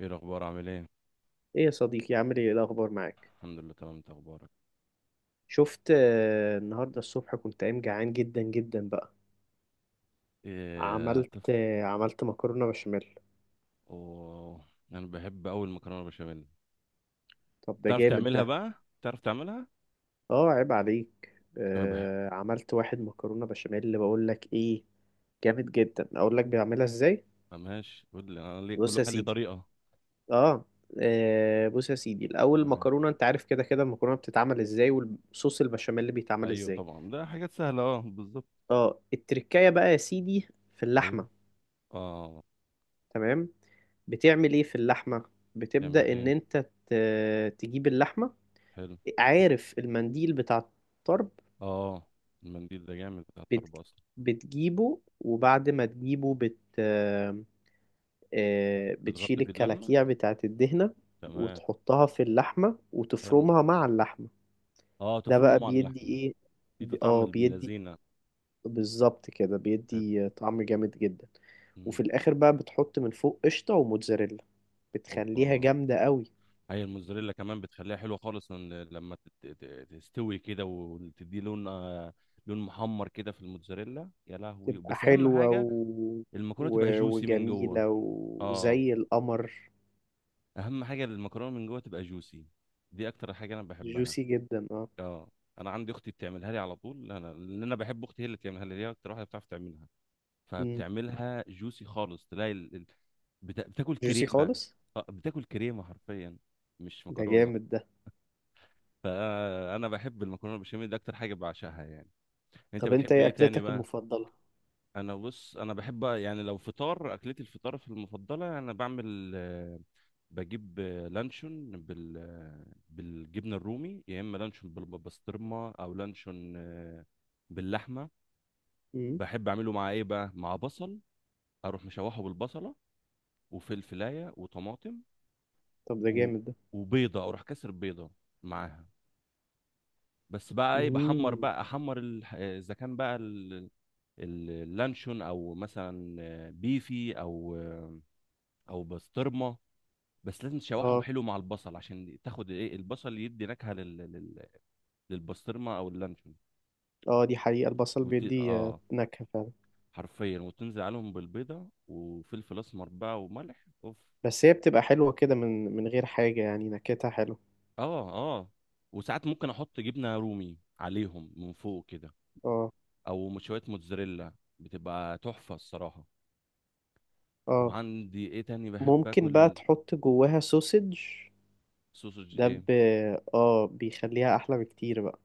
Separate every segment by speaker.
Speaker 1: ايه الاخبار؟ عامل ايه؟
Speaker 2: ايه يا صديقي، عامل ايه؟ إيه الاخبار معاك؟
Speaker 1: الحمد لله، تمام. انت اخبارك؟
Speaker 2: شفت، النهارده الصبح كنت قايم جعان جدا جدا بقى.
Speaker 1: ايه هتفط؟
Speaker 2: عملت مكرونه بشاميل.
Speaker 1: اوه. انا بحب اول مكرونه بشاميل.
Speaker 2: طب ده
Speaker 1: تعرف
Speaker 2: جامد
Speaker 1: تعملها
Speaker 2: ده.
Speaker 1: بقى؟ تعرف تعملها؟
Speaker 2: اه، عيب عليك.
Speaker 1: انا بحب.
Speaker 2: عملت واحد مكرونه بشاميل اللي بقول لك ايه. جامد جدا، اقول لك بيعملها ازاي.
Speaker 1: ماشي، قول لي، انا ليه كل
Speaker 2: بص يا
Speaker 1: واحد ليه
Speaker 2: سيدي
Speaker 1: طريقه.
Speaker 2: اه بص يا سيدي الاول،
Speaker 1: معايا.
Speaker 2: المكرونه انت عارف، كده كده المكرونه بتتعمل ازاي، والصوص البشاميل اللي بيتعمل
Speaker 1: ايوه
Speaker 2: ازاي.
Speaker 1: طبعا، ده حاجات سهله، اه، بالظبط.
Speaker 2: اه، التركايه بقى يا سيدي، في
Speaker 1: ايوه.
Speaker 2: اللحمه.
Speaker 1: اه.
Speaker 2: تمام. بتعمل ايه في اللحمة؟
Speaker 1: تعمل
Speaker 2: بتبدأ ان
Speaker 1: ايه؟
Speaker 2: انت تجيب اللحمة.
Speaker 1: حلو.
Speaker 2: عارف المنديل بتاع الطرب؟
Speaker 1: اه، المنديل ده جامد بتاع
Speaker 2: بت...
Speaker 1: الطرب اصلا.
Speaker 2: بتجيبه، وبعد ما تجيبه بت... آه، بتشيل
Speaker 1: بتغطي بيه اللحمه،
Speaker 2: الكلاكيع بتاعت الدهنة.
Speaker 1: تمام.
Speaker 2: وتحطها في اللحمة
Speaker 1: حلو،
Speaker 2: وتفرمها مع اللحمة.
Speaker 1: اه،
Speaker 2: ده
Speaker 1: تفرمه
Speaker 2: بقى
Speaker 1: مع
Speaker 2: بيدي
Speaker 1: اللحمه.
Speaker 2: ايه؟
Speaker 1: في طعم ابن
Speaker 2: بيدي،
Speaker 1: لذينه.
Speaker 2: بالظبط كده
Speaker 1: حلو.
Speaker 2: بيدي طعم جامد جدا. وفي
Speaker 1: مم.
Speaker 2: الاخر بقى بتحط من فوق قشطة وموتزاريلا. بتخليها
Speaker 1: اوبا.
Speaker 2: جامدة قوي.
Speaker 1: هي الموزاريلا كمان بتخليها حلوه خالص، إن لما تستوي كده وتدي لون لون محمر كده في الموزاريلا، يا لهوي،
Speaker 2: تبقى
Speaker 1: بس اهم
Speaker 2: حلوة
Speaker 1: حاجه المكرونه تبقى جوسي من جوه.
Speaker 2: وجميلة
Speaker 1: اه،
Speaker 2: وزي القمر.
Speaker 1: اهم حاجه المكرونه من جوه تبقى جوسي، دي اكتر حاجه انا بحبها.
Speaker 2: جوسي جدا، اه.
Speaker 1: اه، انا عندي اختي بتعملها لي على طول، انا لان انا بحب اختي، هي اللي بتعملها لي، هي اكتر واحده بتعرف تعملها،
Speaker 2: مم.
Speaker 1: فبتعملها جوسي خالص تلاقي بتاكل
Speaker 2: جوسي
Speaker 1: كريمه.
Speaker 2: خالص.
Speaker 1: بتاكل كريمه حرفيا، مش
Speaker 2: ده
Speaker 1: مكرونه.
Speaker 2: جامد ده.
Speaker 1: فانا بحب المكرونه بالبشاميل، دي اكتر حاجه بعشقها يعني. انت
Speaker 2: طب انت
Speaker 1: بتحب
Speaker 2: ايه
Speaker 1: ايه تاني
Speaker 2: اكلتك
Speaker 1: بقى؟
Speaker 2: المفضلة؟
Speaker 1: انا بص، انا بحب يعني لو فطار، اكلتي الفطار في المفضله، انا بعمل بجيب لانشون بال بالجبنه الرومي، يا اما لانشون بالبسطرمه، او لانشون باللحمه.
Speaker 2: مم.
Speaker 1: بحب اعمله مع ايه بقى؟ مع بصل، اروح مشوحه بالبصله وفلفلايه وطماطم
Speaker 2: طب ده
Speaker 1: و...
Speaker 2: جامد ده.
Speaker 1: وبيضه، اروح كسر بيضه معاها. بس بقى ايه، بحمر
Speaker 2: مم.
Speaker 1: بقى، احمر اذا كان بقى اللانشون، او مثلا بيفي، او بسطرمه. بس لازم تشوحهم
Speaker 2: اه.
Speaker 1: حلو مع البصل عشان تاخد ايه، البصل يدي نكهه للبسطرمه او اللانشون.
Speaker 2: اه، دي حقيقة، البصل
Speaker 1: وت...
Speaker 2: بيدي
Speaker 1: اه
Speaker 2: نكهة فعلا.
Speaker 1: حرفيا، وتنزل عليهم بالبيضه وفلفل اسمر بقى وملح، اوف.
Speaker 2: بس هي بتبقى حلوة كده من غير حاجة، يعني نكهتها حلوة.
Speaker 1: اه، اه، وساعات ممكن احط جبنه رومي عليهم من فوق كده،
Speaker 2: اه.
Speaker 1: او شويه موتزاريلا، بتبقى تحفه الصراحه.
Speaker 2: اه.
Speaker 1: وعندي ايه تاني بحب
Speaker 2: ممكن بقى
Speaker 1: اكل؟
Speaker 2: تحط جواها سوسج.
Speaker 1: سوسج
Speaker 2: ده
Speaker 1: ايه؟
Speaker 2: ب... اه بيخليها احلى بكتير بقى.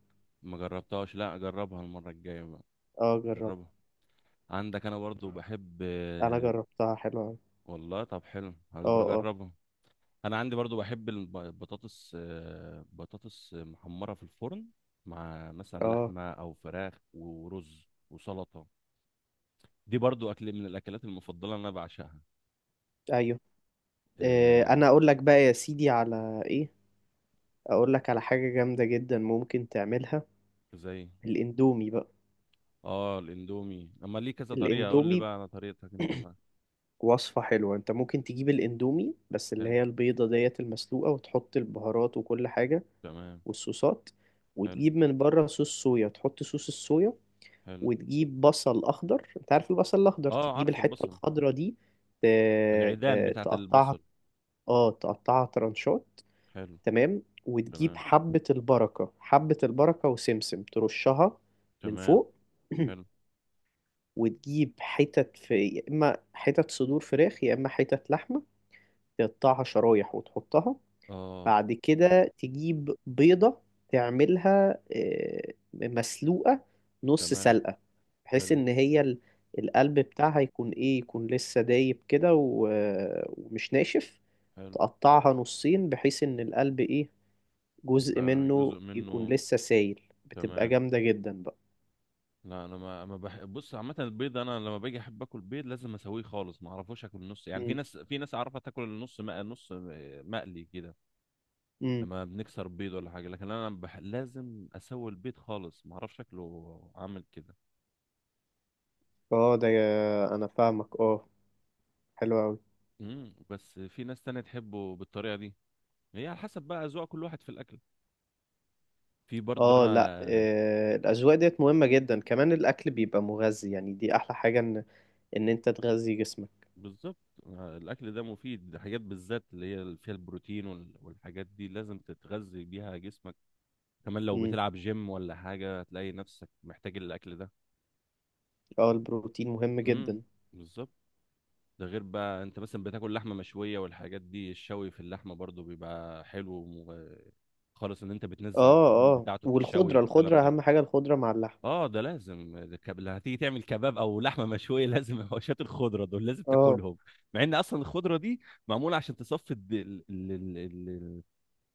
Speaker 1: ما جربتهاش، لا جربها المرة الجاية بقى،
Speaker 2: اه، جربت.
Speaker 1: جربها. عندك، انا برضو بحب
Speaker 2: انا جربتها حلوة أوي.
Speaker 1: والله، طب حلو،
Speaker 2: اه.
Speaker 1: هبقى
Speaker 2: آه.
Speaker 1: اجربها. انا عندي برضو بحب البطاطس، بطاطس محمرة في الفرن، مع مثلا
Speaker 2: اه.
Speaker 1: لحمة او فراخ ورز وسلطة. دي برضو اكل من الاكلات المفضلة اللي انا بعشقها.
Speaker 2: ايوه.
Speaker 1: آه،
Speaker 2: انا اقول لك بقى يا سيدي على ايه. اقول لك على حاجة جامدة جدا ممكن تعملها.
Speaker 1: زي.
Speaker 2: الاندومي بقى.
Speaker 1: اه، الاندومي، اما ليه كذا طريقة، اقول لي
Speaker 2: الاندومي
Speaker 1: بقى على طريقتك انت بقى.
Speaker 2: وصفة حلوة، انت ممكن تجيب الاندومي، بس اللي
Speaker 1: حلو،
Speaker 2: هي البيضة ديت المسلوقة وتحط البهارات وكل حاجة.
Speaker 1: تمام،
Speaker 2: والصوصات.
Speaker 1: حلو،
Speaker 2: وتجيب من بره صوص صويا، تحط صوص الصويا.
Speaker 1: حلو.
Speaker 2: وتجيب بصل اخضر، انت عارف البصل الاخضر،
Speaker 1: اه،
Speaker 2: تجيب
Speaker 1: عارف
Speaker 2: الحتة
Speaker 1: البصل،
Speaker 2: الخضرا دي.
Speaker 1: العيدان بتاعت
Speaker 2: تقطعها.
Speaker 1: البصل.
Speaker 2: اه، تقطعها ترانشات.
Speaker 1: حلو،
Speaker 2: تمام. وتجيب
Speaker 1: تمام،
Speaker 2: حبة البركة وسمسم ترشها من
Speaker 1: تمام،
Speaker 2: فوق.
Speaker 1: حلو،
Speaker 2: وتجيب حتت، في يا إما حتت صدور فراخ يا إما حتت لحمة. تقطعها شرايح وتحطها.
Speaker 1: اه،
Speaker 2: بعد كده تجيب بيضة. تعملها مسلوقة، نص
Speaker 1: تمام،
Speaker 2: سلقة. بحيث
Speaker 1: حلو،
Speaker 2: إن هي القلب بتاعها يكون إيه، يكون لسه دايب كده ومش ناشف.
Speaker 1: حلو.
Speaker 2: تقطعها نصين بحيث إن القلب إيه، جزء
Speaker 1: يبقى
Speaker 2: منه
Speaker 1: جزء
Speaker 2: يكون
Speaker 1: منه،
Speaker 2: لسه سايل، بتبقى
Speaker 1: تمام.
Speaker 2: جامدة جدا بقى.
Speaker 1: لا، انا ما ما بح... بص، عامه البيض انا لما باجي احب اكل بيض لازم اسويه خالص، ما اعرفوش اكل النص، يعني في
Speaker 2: مم.
Speaker 1: ناس، اعرفها تاكل النص نص مقلي كده،
Speaker 2: مم.
Speaker 1: لما بنكسر بيض ولا حاجه، لكن انا لازم اسوي البيض خالص، ما اعرفش شكله عامل كده.
Speaker 2: اه، ده انا فاهمك، اه. حلو قوي.
Speaker 1: بس في ناس تانية تحبه بالطريقه دي، هي على حسب بقى اذواق كل واحد في الاكل. في برضه
Speaker 2: اه، لا،
Speaker 1: انا.
Speaker 2: الاذواق ديت مهمة جدا، كمان الاكل بيبقى مغذي، يعني دي احلى حاجة، ان انت تغذي جسمك.
Speaker 1: بالظبط. الاكل ده مفيد، ده حاجات بالذات اللي هي اللي فيها البروتين والحاجات دي لازم تتغذي بيها جسمك. كمان لو
Speaker 2: مم.
Speaker 1: بتلعب جيم ولا حاجه هتلاقي نفسك محتاج الاكل ده.
Speaker 2: اه، البروتين مهم
Speaker 1: امم
Speaker 2: جدا.
Speaker 1: بالظبط. ده غير بقى، انت مثلا بتاكل لحمه مشويه والحاجات دي، الشوي في اللحمه برضو بيبقى حلو خالص، ان انت بتنزل الدهون
Speaker 2: اه. اه،
Speaker 1: بتاعته في الشوي
Speaker 2: والخضرة
Speaker 1: والكلام
Speaker 2: الخضرة
Speaker 1: ده.
Speaker 2: اهم حاجة، الخضرة مع اللحم.
Speaker 1: اه، ده لازم، لو هتيجي تعمل كباب او لحمه مشويه لازم حواشات الخضره دول لازم
Speaker 2: اه.
Speaker 1: تاكلهم، مع ان اصلا الخضره دي معموله عشان تصفي الد... ال... ال... ال... ال...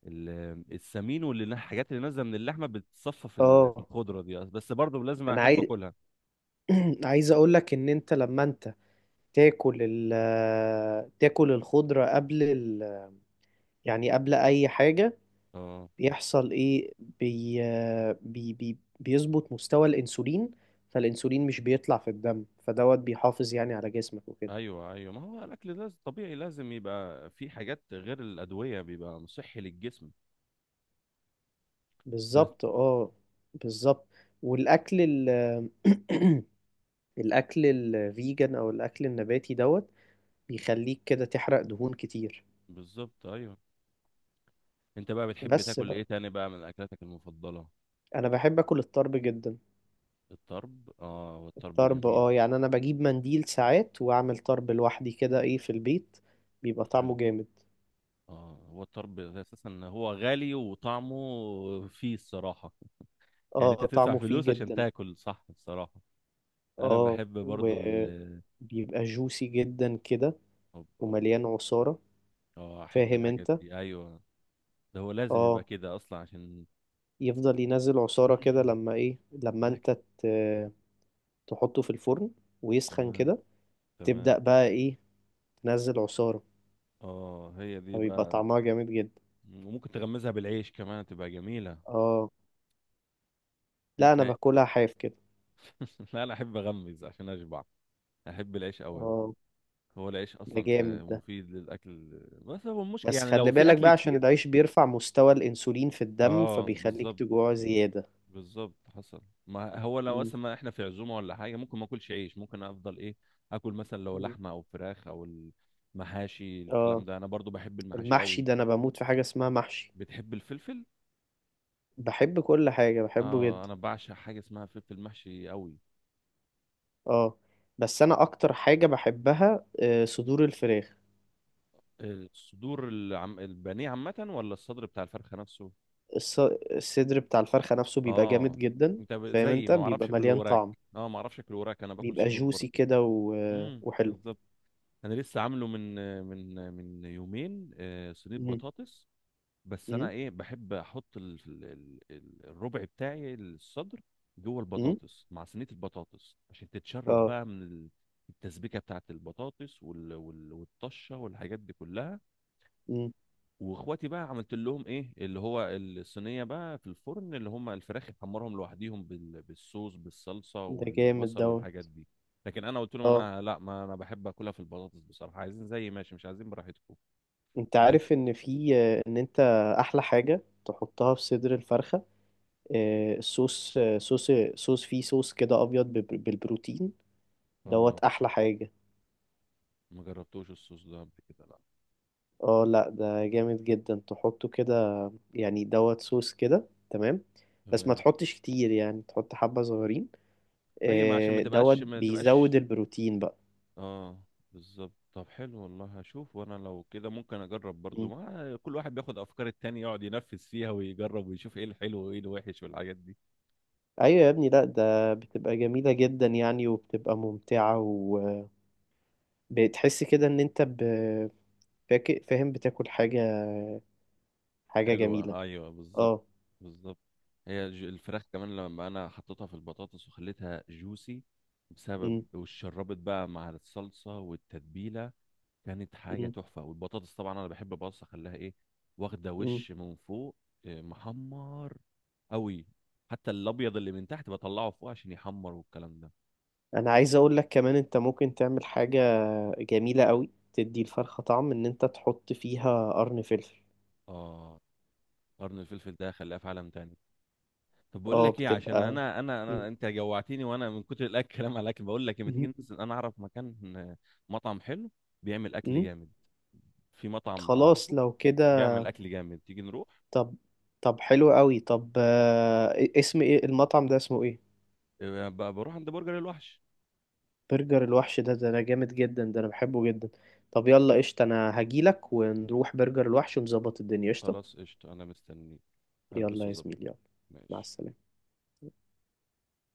Speaker 1: ال- السمين والحاجات اللي نازله من اللحمه، بتصفى في، في
Speaker 2: اه،
Speaker 1: الخضره دي، بس برضه لازم
Speaker 2: انا
Speaker 1: احب
Speaker 2: عايز
Speaker 1: اكلها.
Speaker 2: عايز اقول لك ان انت، لما انت تاكل ال تاكل الخضرة قبل يعني قبل اي حاجة،
Speaker 1: اه،
Speaker 2: بيحصل ايه، بي آه، بي بي بيظبط مستوى الانسولين. فالانسولين مش بيطلع في الدم، فدوت بيحافظ يعني على جسمك وكده.
Speaker 1: ايوه، ايوه، ما هو الاكل لازم طبيعي، لازم يبقى في حاجات غير الادويه، بيبقى صحي للجسم. بس.
Speaker 2: بالظبط، اه. بالظبط. والاكل الاكل الفيجن او الاكل النباتي دوت بيخليك كده تحرق دهون كتير.
Speaker 1: بالظبط. ايوه. انت بقى بتحب
Speaker 2: بس
Speaker 1: تاكل ايه
Speaker 2: بقى
Speaker 1: تاني بقى من اكلاتك المفضله؟
Speaker 2: انا بحب اكل الطرب جدا.
Speaker 1: الطرب، اه، والطرب
Speaker 2: الطرب،
Speaker 1: جميل.
Speaker 2: اه، يعني انا بجيب منديل ساعات واعمل طرب لوحدي كده، ايه، في البيت. بيبقى
Speaker 1: حلو.
Speaker 2: طعمه جامد.
Speaker 1: اه، هو الطرب اساسا هو غالي وطعمه فيه الصراحه، يعني انت
Speaker 2: اه،
Speaker 1: تدفع
Speaker 2: طعمه فيه
Speaker 1: فلوس عشان
Speaker 2: جدا.
Speaker 1: تاكل، صح الصراحه. انا
Speaker 2: اه،
Speaker 1: بحب برضو ال.
Speaker 2: وبيبقى جوسي جدا كده،
Speaker 1: اه.
Speaker 2: ومليان عصارة،
Speaker 1: احب
Speaker 2: فاهم
Speaker 1: الحاجات
Speaker 2: انت؟
Speaker 1: دي، ايوه. ده هو لازم يبقى
Speaker 2: اه،
Speaker 1: كده اصلا عشان
Speaker 2: يفضل ينزل عصارة كده لما ايه، لما
Speaker 1: الاكل.
Speaker 2: انت ت- تحطه في الفرن ويسخن
Speaker 1: تمام،
Speaker 2: كده.
Speaker 1: تمام.
Speaker 2: تبدأ بقى ايه، تنزل عصارة،
Speaker 1: اه، هي دي
Speaker 2: فبيبقى
Speaker 1: بقى،
Speaker 2: طعمها جامد جدا.
Speaker 1: وممكن تغمزها بالعيش كمان، تبقى جميله.
Speaker 2: اه، لا
Speaker 1: انت.
Speaker 2: انا باكلها حاف كده.
Speaker 1: لا، انا احب اغمز عشان اشبع، احب العيش قوي انا.
Speaker 2: اه.
Speaker 1: هو العيش
Speaker 2: ده
Speaker 1: اصلا
Speaker 2: جامد ده.
Speaker 1: مفيد للاكل، بس هو المشكله
Speaker 2: بس
Speaker 1: يعني
Speaker 2: خلي
Speaker 1: لو في
Speaker 2: بالك
Speaker 1: اكل
Speaker 2: بقى، عشان
Speaker 1: كتير.
Speaker 2: العيش بيرفع مستوى الانسولين في الدم
Speaker 1: اه،
Speaker 2: فبيخليك
Speaker 1: بالظبط.
Speaker 2: تجوع زيادة.
Speaker 1: بالظبط، حصل. ما هو لو
Speaker 2: مم.
Speaker 1: مثلا، ما احنا في عزومه ولا حاجه، ممكن ما اكلش عيش، ممكن افضل ايه، اكل مثلا لو
Speaker 2: مم.
Speaker 1: لحمه او فراخ، او المحاشي، الكلام
Speaker 2: اه.
Speaker 1: ده، انا برضو بحب المحاشي
Speaker 2: المحشي
Speaker 1: قوي.
Speaker 2: ده انا بموت في حاجة اسمها محشي.
Speaker 1: بتحب الفلفل؟
Speaker 2: بحب كل حاجة، بحبه
Speaker 1: اه،
Speaker 2: جدا.
Speaker 1: انا بعشق حاجه اسمها فلفل محشي قوي.
Speaker 2: اه. بس انا اكتر حاجة بحبها صدور الفراخ.
Speaker 1: الصدور، البانيه عامه، ولا الصدر بتاع الفرخه نفسه؟
Speaker 2: الص- الصدر بتاع الفرخة نفسه بيبقى جامد
Speaker 1: اه،
Speaker 2: جدا.
Speaker 1: انت
Speaker 2: فاهم
Speaker 1: زي
Speaker 2: انت،
Speaker 1: ما
Speaker 2: بيبقى
Speaker 1: اعرفش اكل
Speaker 2: مليان
Speaker 1: وراك.
Speaker 2: طعم.
Speaker 1: اه، ما اعرفش اكل وراك، انا باكل
Speaker 2: بيبقى
Speaker 1: صدور
Speaker 2: جوسي
Speaker 1: برضو.
Speaker 2: كده وحلو.
Speaker 1: بالظبط. انا لسه عامله من يومين صينيه
Speaker 2: مم.
Speaker 1: بطاطس. بس انا
Speaker 2: مم.
Speaker 1: ايه، بحب احط الربع بتاعي الصدر جوه
Speaker 2: مم.
Speaker 1: البطاطس، مع صينيه البطاطس عشان تتشرب
Speaker 2: اه.
Speaker 1: بقى من التسبيكه بتاعت البطاطس والطشه والحاجات دي كلها.
Speaker 2: مم.
Speaker 1: واخواتي بقى عملت لهم ايه، اللي هو الصينيه بقى في الفرن، اللي هم الفراخ يحمرهم لوحديهم بالصوص، بالصلصه
Speaker 2: ده جامد
Speaker 1: والبصل
Speaker 2: دوت.
Speaker 1: والحاجات دي. لكن انا قلت لهم،
Speaker 2: اه،
Speaker 1: انا لا، ما انا بحب اكلها في البطاطس بصراحه، عايزين زي ماشي، مش عايزين براحتكم.
Speaker 2: انت
Speaker 1: بس،
Speaker 2: عارف ان في، ان انت، احلى حاجة تحطها في صدر الفرخة، الصوص، صوص، صوص فيه، صوص كده ابيض بالبروتين.
Speaker 1: اه،
Speaker 2: دوت احلى حاجة.
Speaker 1: ما جربتوش الصوص ده قبل كده، لا.
Speaker 2: اه، لا ده جامد جدا، تحطه كده. يعني دوت صوص كده، تمام. بس ما
Speaker 1: تمام.
Speaker 2: تحطش كتير، يعني تحط حبة صغيرين.
Speaker 1: اي، ما عشان ما
Speaker 2: دوت
Speaker 1: تبقاش ما تبقاش
Speaker 2: بيزود البروتين بقى.
Speaker 1: اه، بالظبط، طب حلو، والله هشوف، وانا لو كده ممكن اجرب برضو،
Speaker 2: مم.
Speaker 1: ما كل واحد بياخد افكار التاني يقعد ينفذ فيها ويجرب ويشوف ايه الحلو وايه الوحش والحاجات دي.
Speaker 2: ايوه يا ابني، لا ده بتبقى جميلة جدا يعني، وبتبقى ممتعة. وبتحس كده ان انت، فاهم، بتاكل حاجة جميلة.
Speaker 1: حلوة، أيوة، بالظبط.
Speaker 2: اه.
Speaker 1: بالظبط. هي الفراخ كمان لما أنا حطيتها في البطاطس وخليتها جوسي بسبب
Speaker 2: مم.
Speaker 1: والشربت بقى مع الصلصة والتتبيلة، كانت حاجة
Speaker 2: مم.
Speaker 1: تحفة. والبطاطس طبعا أنا بحب، بص أخليها إيه، واخدة
Speaker 2: مم.
Speaker 1: وش من فوق، إيه، محمر أوي. حتى الأبيض اللي من تحت بطلعه فوق عشان يحمر والكلام ده.
Speaker 2: انا عايز اقول لك كمان، انت ممكن تعمل حاجة جميلة قوي تدي الفرخة طعم، ان انت تحط فيها قرن فلفل.
Speaker 1: آه، قرن الفلفل ده خلاه في عالم تاني. طب بقول
Speaker 2: اه،
Speaker 1: لك ايه، عشان
Speaker 2: بتبقى.
Speaker 1: انا انا
Speaker 2: مم.
Speaker 1: انا انت جوعتني، وانا من كتر الاكل كلام على الاكل، بقول لك لما تيجي
Speaker 2: مم.
Speaker 1: ننزل، انا اعرف مكان مطعم حلو، بيعمل اكل
Speaker 2: مم.
Speaker 1: جامد. في مطعم
Speaker 2: خلاص
Speaker 1: اعرفه
Speaker 2: لو كده.
Speaker 1: يعمل اكل جامد، تيجي نروح.
Speaker 2: طب طب حلو قوي. طب، اسم ايه المطعم ده، اسمه ايه؟
Speaker 1: إيه، بروح عند برجر الوحش.
Speaker 2: برجر الوحش، ده انا جامد جدا، ده انا بحبه جدا. طب يلا قشطة، انا هجيلك ونروح برجر الوحش ونظبط الدنيا، قشطة.
Speaker 1: خلاص، قشطة، انا مستنيك، هلبس
Speaker 2: يلا يا
Speaker 1: واظبط.
Speaker 2: زميلي، يلا. مع
Speaker 1: ماشي.
Speaker 2: السلامة.